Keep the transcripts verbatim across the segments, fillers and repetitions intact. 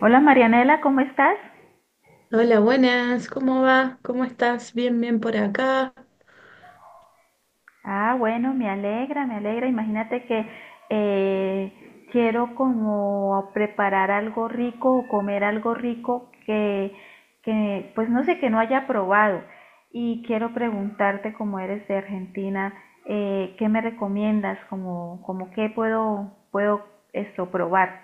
Hola Marianela, ¿cómo estás? Hola, buenas, ¿cómo va? ¿Cómo estás? Bien, bien por acá. Ah, bueno, me alegra, me alegra. Imagínate que eh, quiero como preparar algo rico o comer algo rico que, que, pues no sé, que no haya probado. Y quiero preguntarte, como eres de Argentina, eh, ¿qué me recomiendas? Como, como qué puedo, puedo esto probar.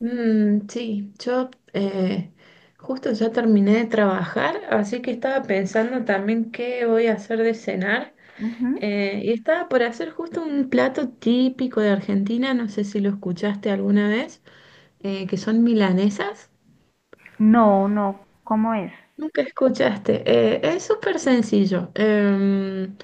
Mm, sí, yo eh, justo ya terminé de trabajar, así que estaba pensando también qué voy a hacer de cenar. Ujú. Eh, y estaba por hacer justo un plato típico de Argentina, no sé si lo escuchaste alguna vez, eh, que son milanesas. No, no, ¿cómo es? Nunca escuchaste. Eh, es súper sencillo. Em,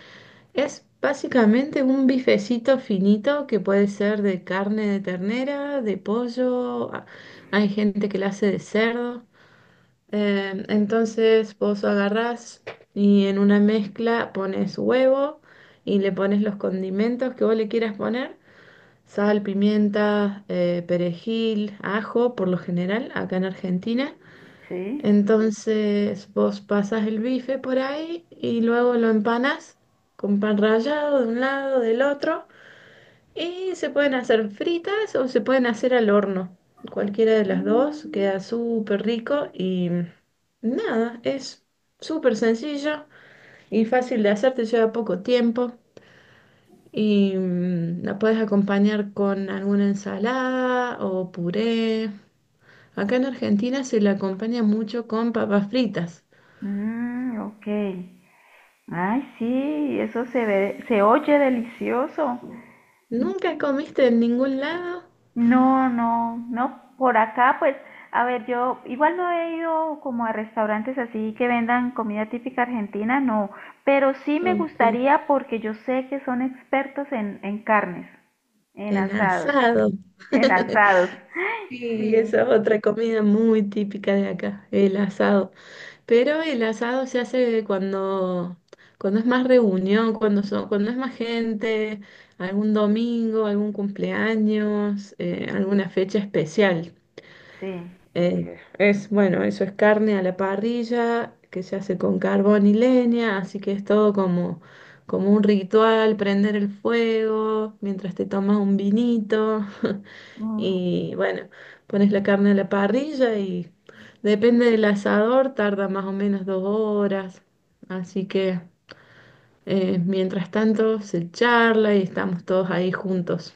Es básicamente un bifecito finito que puede ser de carne de ternera, de pollo. a- Hay gente que la hace de cerdo. Em, entonces vos agarrás y en una mezcla pones huevo y le pones los condimentos que vos le quieras poner. Sal, pimienta, eh, perejil, ajo, por lo general, acá en Argentina. Sí. Entonces vos pasas el bife por ahí y luego lo empanas con pan rallado de un lado, del otro. Y se pueden hacer fritas o se pueden hacer al horno. Cualquiera de las dos queda súper rico y nada, es súper sencillo y fácil de hacer, te lleva poco tiempo. Y mm, la puedes acompañar con alguna ensalada o puré. Acá en Argentina se la acompaña mucho con papas fritas. Mm, ok. Ay, sí, eso se ve, se oye delicioso. ¿Nunca comiste en ningún lado? No, no, no, por acá pues, a ver, yo igual no he ido como a restaurantes así que vendan comida típica argentina, no, pero sí me Ok, gustaría porque yo sé que son expertos en, en carnes, en en asados, sí, asado. en asados, Sí, sí, esa es otra comida muy típica de acá, el asado. Pero el asado se hace cuando, cuando es más reunión, cuando son, cuando es más gente, algún domingo, algún cumpleaños, eh, alguna fecha especial. sí. Eh, es, bueno, eso es carne a la parrilla, que se hace con carbón y leña, así que es todo como, como un ritual, prender el fuego mientras te tomas un vinito Ujú. y bueno, pones la carne a la parrilla y depende del asador, tarda más o menos dos horas, así que eh, mientras tanto se charla y estamos todos ahí juntos.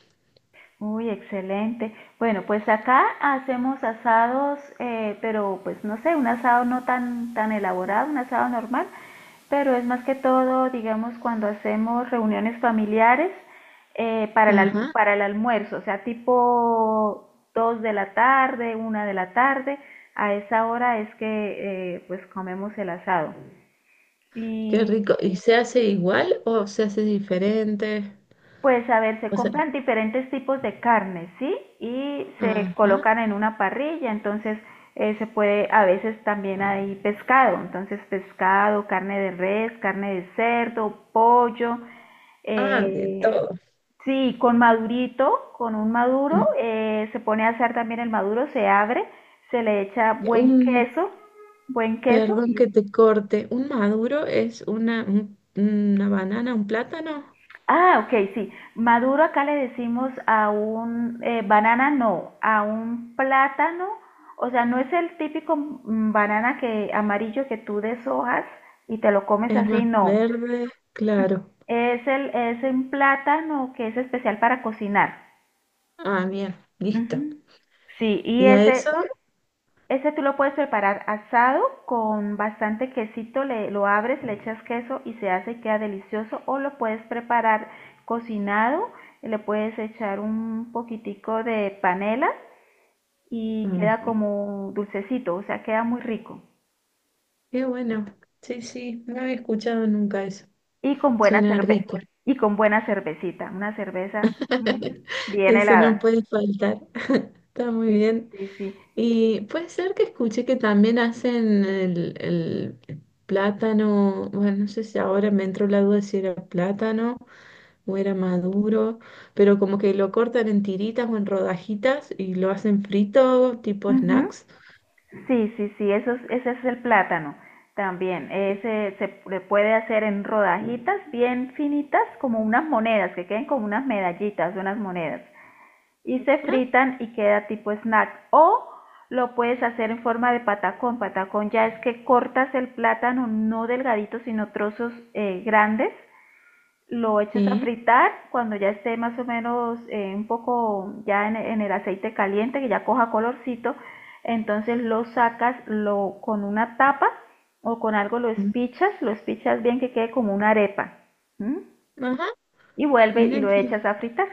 Uy, excelente. Bueno, pues acá hacemos asados, eh, pero pues no sé, un asado no tan, tan elaborado, un asado normal, pero es más que todo, digamos, cuando hacemos reuniones familiares eh, para el, alm- Ajá, para el almuerzo, o sea, tipo dos de la tarde, una de la tarde, a esa hora es que eh, pues comemos el asado. qué Y rico. ¿Y se hace igual o se hace diferente? pues a ver, se O sea, compran diferentes tipos de carne, ¿sí? Y se ajá. colocan en una parrilla, entonces eh, se puede, a veces también hay pescado, entonces pescado, carne de res, carne de cerdo, pollo, Ah, de eh, todo. sí, con madurito, con un maduro, Mm. eh, se pone a asar también el maduro, se abre, se le echa buen Un, queso, buen queso perdón y que te corte, un maduro es una, un- una banana, un plátano. ah, ok, sí. Maduro acá le decimos a un eh, banana, no, a un plátano. O sea, no es el típico mm, banana que amarillo que tú deshojas y te lo comes Es así, más no. verde, claro. Es el es un plátano que es especial para cocinar. Ah, bien, listo. Ujú. Sí, y ¿Y a eso? ese este tú lo puedes preparar asado con bastante quesito, le, lo abres, le echas queso y se hace y queda delicioso. O lo puedes preparar cocinado, le puedes echar un poquitico de panela y Ajá. queda como dulcecito, o sea, queda muy rico. Qué bueno. Sí, sí, no había escuchado nunca eso. Y con buena Suena cerve rico. y con buena cervecita, una cerveza, ujú, bien Eso no helada. puede faltar. Está muy Sí, sí, bien. sí. Sí. Y puede ser que escuché que también hacen el, el plátano, bueno, no sé si ahora me entró la duda de si era plátano o era maduro, pero como que lo cortan en tiritas o en rodajitas y lo hacen frito, tipo Ujú. snacks. Sí, sí, sí, eso es- ese es el plátano también. Ese se le puede hacer en rodajitas bien finitas, como unas monedas, que queden como unas medallitas, unas monedas. Y se Ah, fritan y queda tipo snack. O lo puedes hacer en forma de patacón. Patacón ya es que cortas el plátano no delgadito, sino trozos eh, grandes, lo echas a sí. fritar cuando ya esté más o menos, eh, un poco ya en, en el aceite caliente, que ya coja colorcito, entonces lo sacas lo, con una tapa o con algo lo Mm. espichas, lo espichas bien que quede como una arepa, ¿m? Ajá, Y vuelve mira y lo que, echas a fritar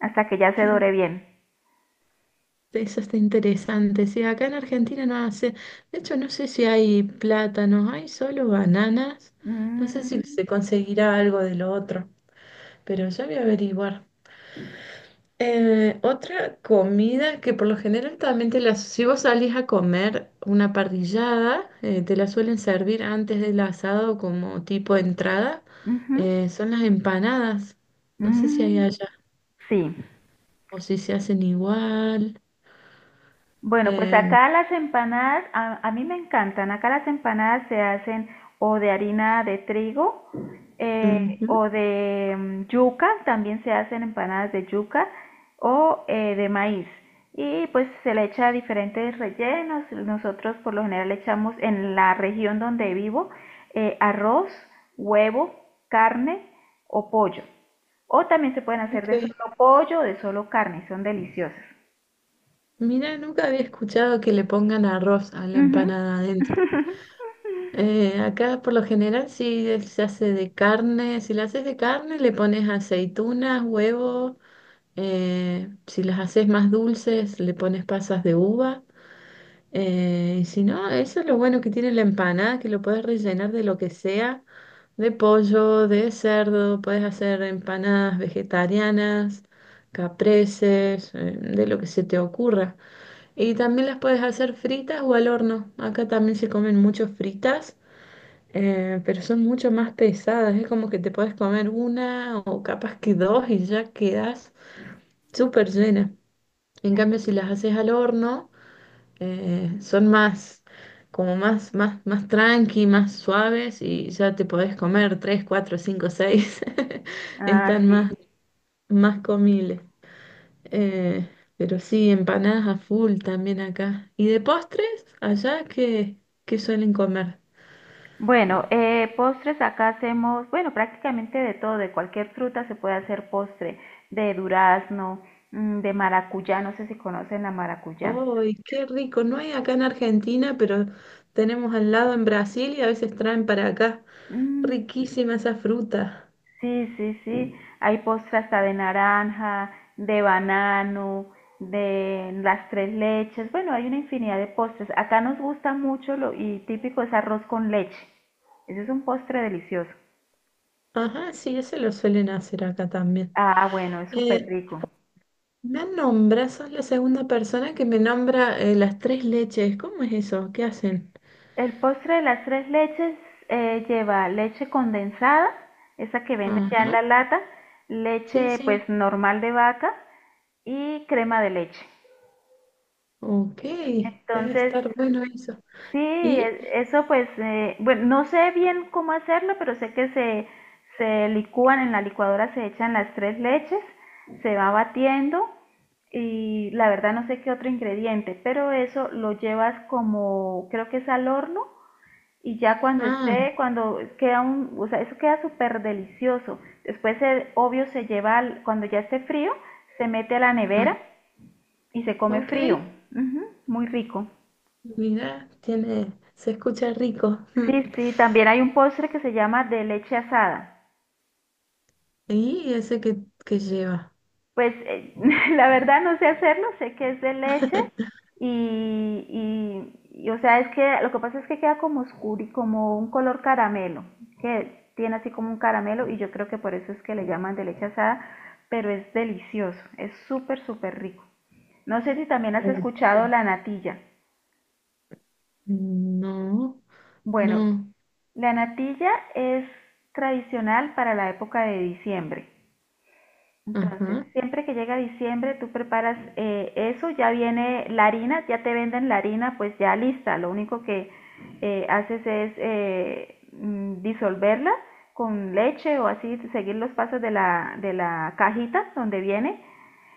hasta que ya se que dore bien. eso está interesante. Sí, acá en Argentina no hace, de hecho no sé si hay plátanos, hay solo bananas, no sé si Mm, se conseguirá algo de lo otro. Pero ya voy a averiguar. Eh, otra comida que por lo general también te la... Si vos salís a comer una parrillada, eh, te la suelen servir antes del asado como tipo de entrada, ujú, eh, son las empanadas. No sé si hay mm, allá sí, o si se hacen igual. bueno, pues Em, acá las empanadas, a, a mí me encantan. Acá las empanadas se hacen o de harina de trigo, eh, ujú, o de mm, yuca, también se hacen empanadas de yuca o eh, de maíz. Y pues se le echa diferentes rellenos. Nosotros por lo general le echamos en la región donde vivo eh, arroz, huevo, carne o pollo. O también se pueden hacer de ok. solo pollo o de solo carne, son deliciosas. Mira, nunca había escuchado que le pongan arroz a la Ujú. empanada adentro. Eh, acá por lo general sí es- se hace de carne, si la haces de carne le pones aceitunas, huevo, eh, si las haces más dulces le pones pasas de uva, eh, y si no, eso es lo bueno que tiene la empanada, que lo puedes rellenar de lo que sea, de pollo, de cerdo, puedes hacer empanadas vegetarianas, capreses, eh, de lo que se te ocurra. Y también las puedes hacer fritas o al horno, acá también se comen mucho fritas eh, pero son mucho más pesadas, es como que te puedes comer una o capaz que dos y ya quedas súper llena. En cambio, si las haces al horno, eh, son más, como más, más, más tranqui, más suaves y ya te podés comer tres, cuatro, cinco, seis. Ah, Están sí. más, más comibles. Eh, pero sí, empanadas a full también acá. ¿Y de postres? ¿Allá qué, ¿qué suelen comer? Bueno, eh, postres acá hacemos, bueno, prácticamente de todo, de cualquier fruta se puede hacer postre, de durazno, mm, de maracuyá, no sé si conocen la maracuyá. ¡Ay, qué rico! No hay acá en Argentina, pero tenemos al lado en Brasil y a veces traen para acá. Mm, Riquísima esa fruta. sí, sí, sí, hay postre hasta de naranja, de banano, de las tres leches, bueno, hay una infinidad de postres. Acá nos gusta mucho lo, y típico es arroz con leche. Ese es un postre delicioso. Ajá, sí, ese lo suelen hacer acá también. Ah, bueno, es súper Eh, rico. me nombras, sos la segunda persona que me nombra eh, las tres leches. ¿Cómo es eso? ¿Qué hacen? El postre de las tres leches eh, lleva leche condensada, esa que venden ya en Ajá, la lata, sí, leche sí. pues normal de vaca y crema de leche. Ok, debe Entonces, estar bueno eso. sí, ¿Y? e- eso pues, eh, bueno, no sé bien cómo hacerlo, pero sé que se, se licúan en la licuadora, se echan las tres leches, se va batiendo y la verdad no sé qué otro ingrediente, pero eso lo llevas como, creo que es al horno y ya cuando Ah, esté, cuando queda un, o sea, eso queda súper delicioso. Después, el, obvio, se lleva, al- cuando ya esté frío, se mete a la ah, nevera y se come ok. frío. Ujú, muy rico. Mira, tiene, se escucha rico. Sí, sí, también hay un postre que se llama de leche asada. ¿Y ese que, ¿que lleva? Pues eh, la verdad no sé hacerlo, sé que es de leche y, y, y, o sea, es que lo que pasa es que queda como oscuro y como un color caramelo, que tiene así como un caramelo y yo creo que por eso es que le llaman de leche asada, pero es delicioso, es súper, súper rico. No sé si también has escuchado Ok. la natilla. No, Bueno, no, la natilla es tradicional para la época de diciembre. Entonces, ajá. siempre que llega diciembre, tú preparas eh, eso, ya viene la harina, ya te venden la harina, pues ya lista. Lo único que eh, haces es eh, mm, disolverla con leche o así, seguir los pasos de la, de la cajita donde viene.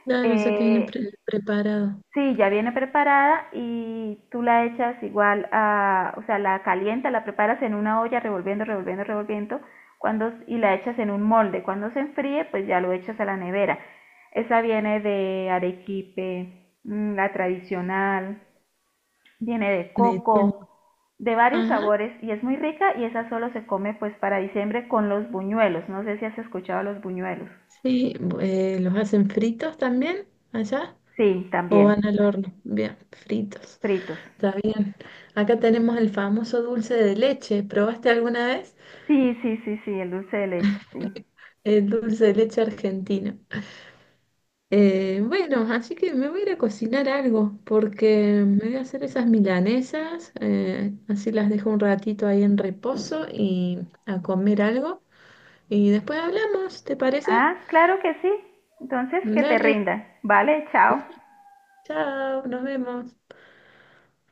Claro, o sea, te viene Eh, pre- preparado Sí, ya viene preparada y tú la echas igual a, o sea, la calientas, la preparas en una olla revolviendo, revolviendo, revolviendo, cuando y la echas en un molde. Cuando se enfríe, pues ya lo echas a la nevera. Esa viene de arequipe, mm, la tradicional, viene de de todo. coco, de varios Ajá, sabores y es muy rica y esa solo se come pues para diciembre con los buñuelos. No sé si has escuchado los buñuelos. sí, bu- eh, ¿los hacen fritos también allá? Sí, ¿O también, van al horno? Bien, fritos, fritos. está bien. Acá tenemos el famoso dulce de leche. ¿Probaste alguna vez Sí, sí, sí, sí, el dulce de leche, sí. el dulce de leche argentino? Eh, bueno, así que me voy a ir a cocinar algo, porque me voy a hacer esas milanesas, eh, así las dejo un ratito ahí en reposo y a comer algo. Y después hablamos, ¿te parece? Ah, claro que sí. Entonces, que te Dale, rinda. Vale, chao. chao, nos vemos.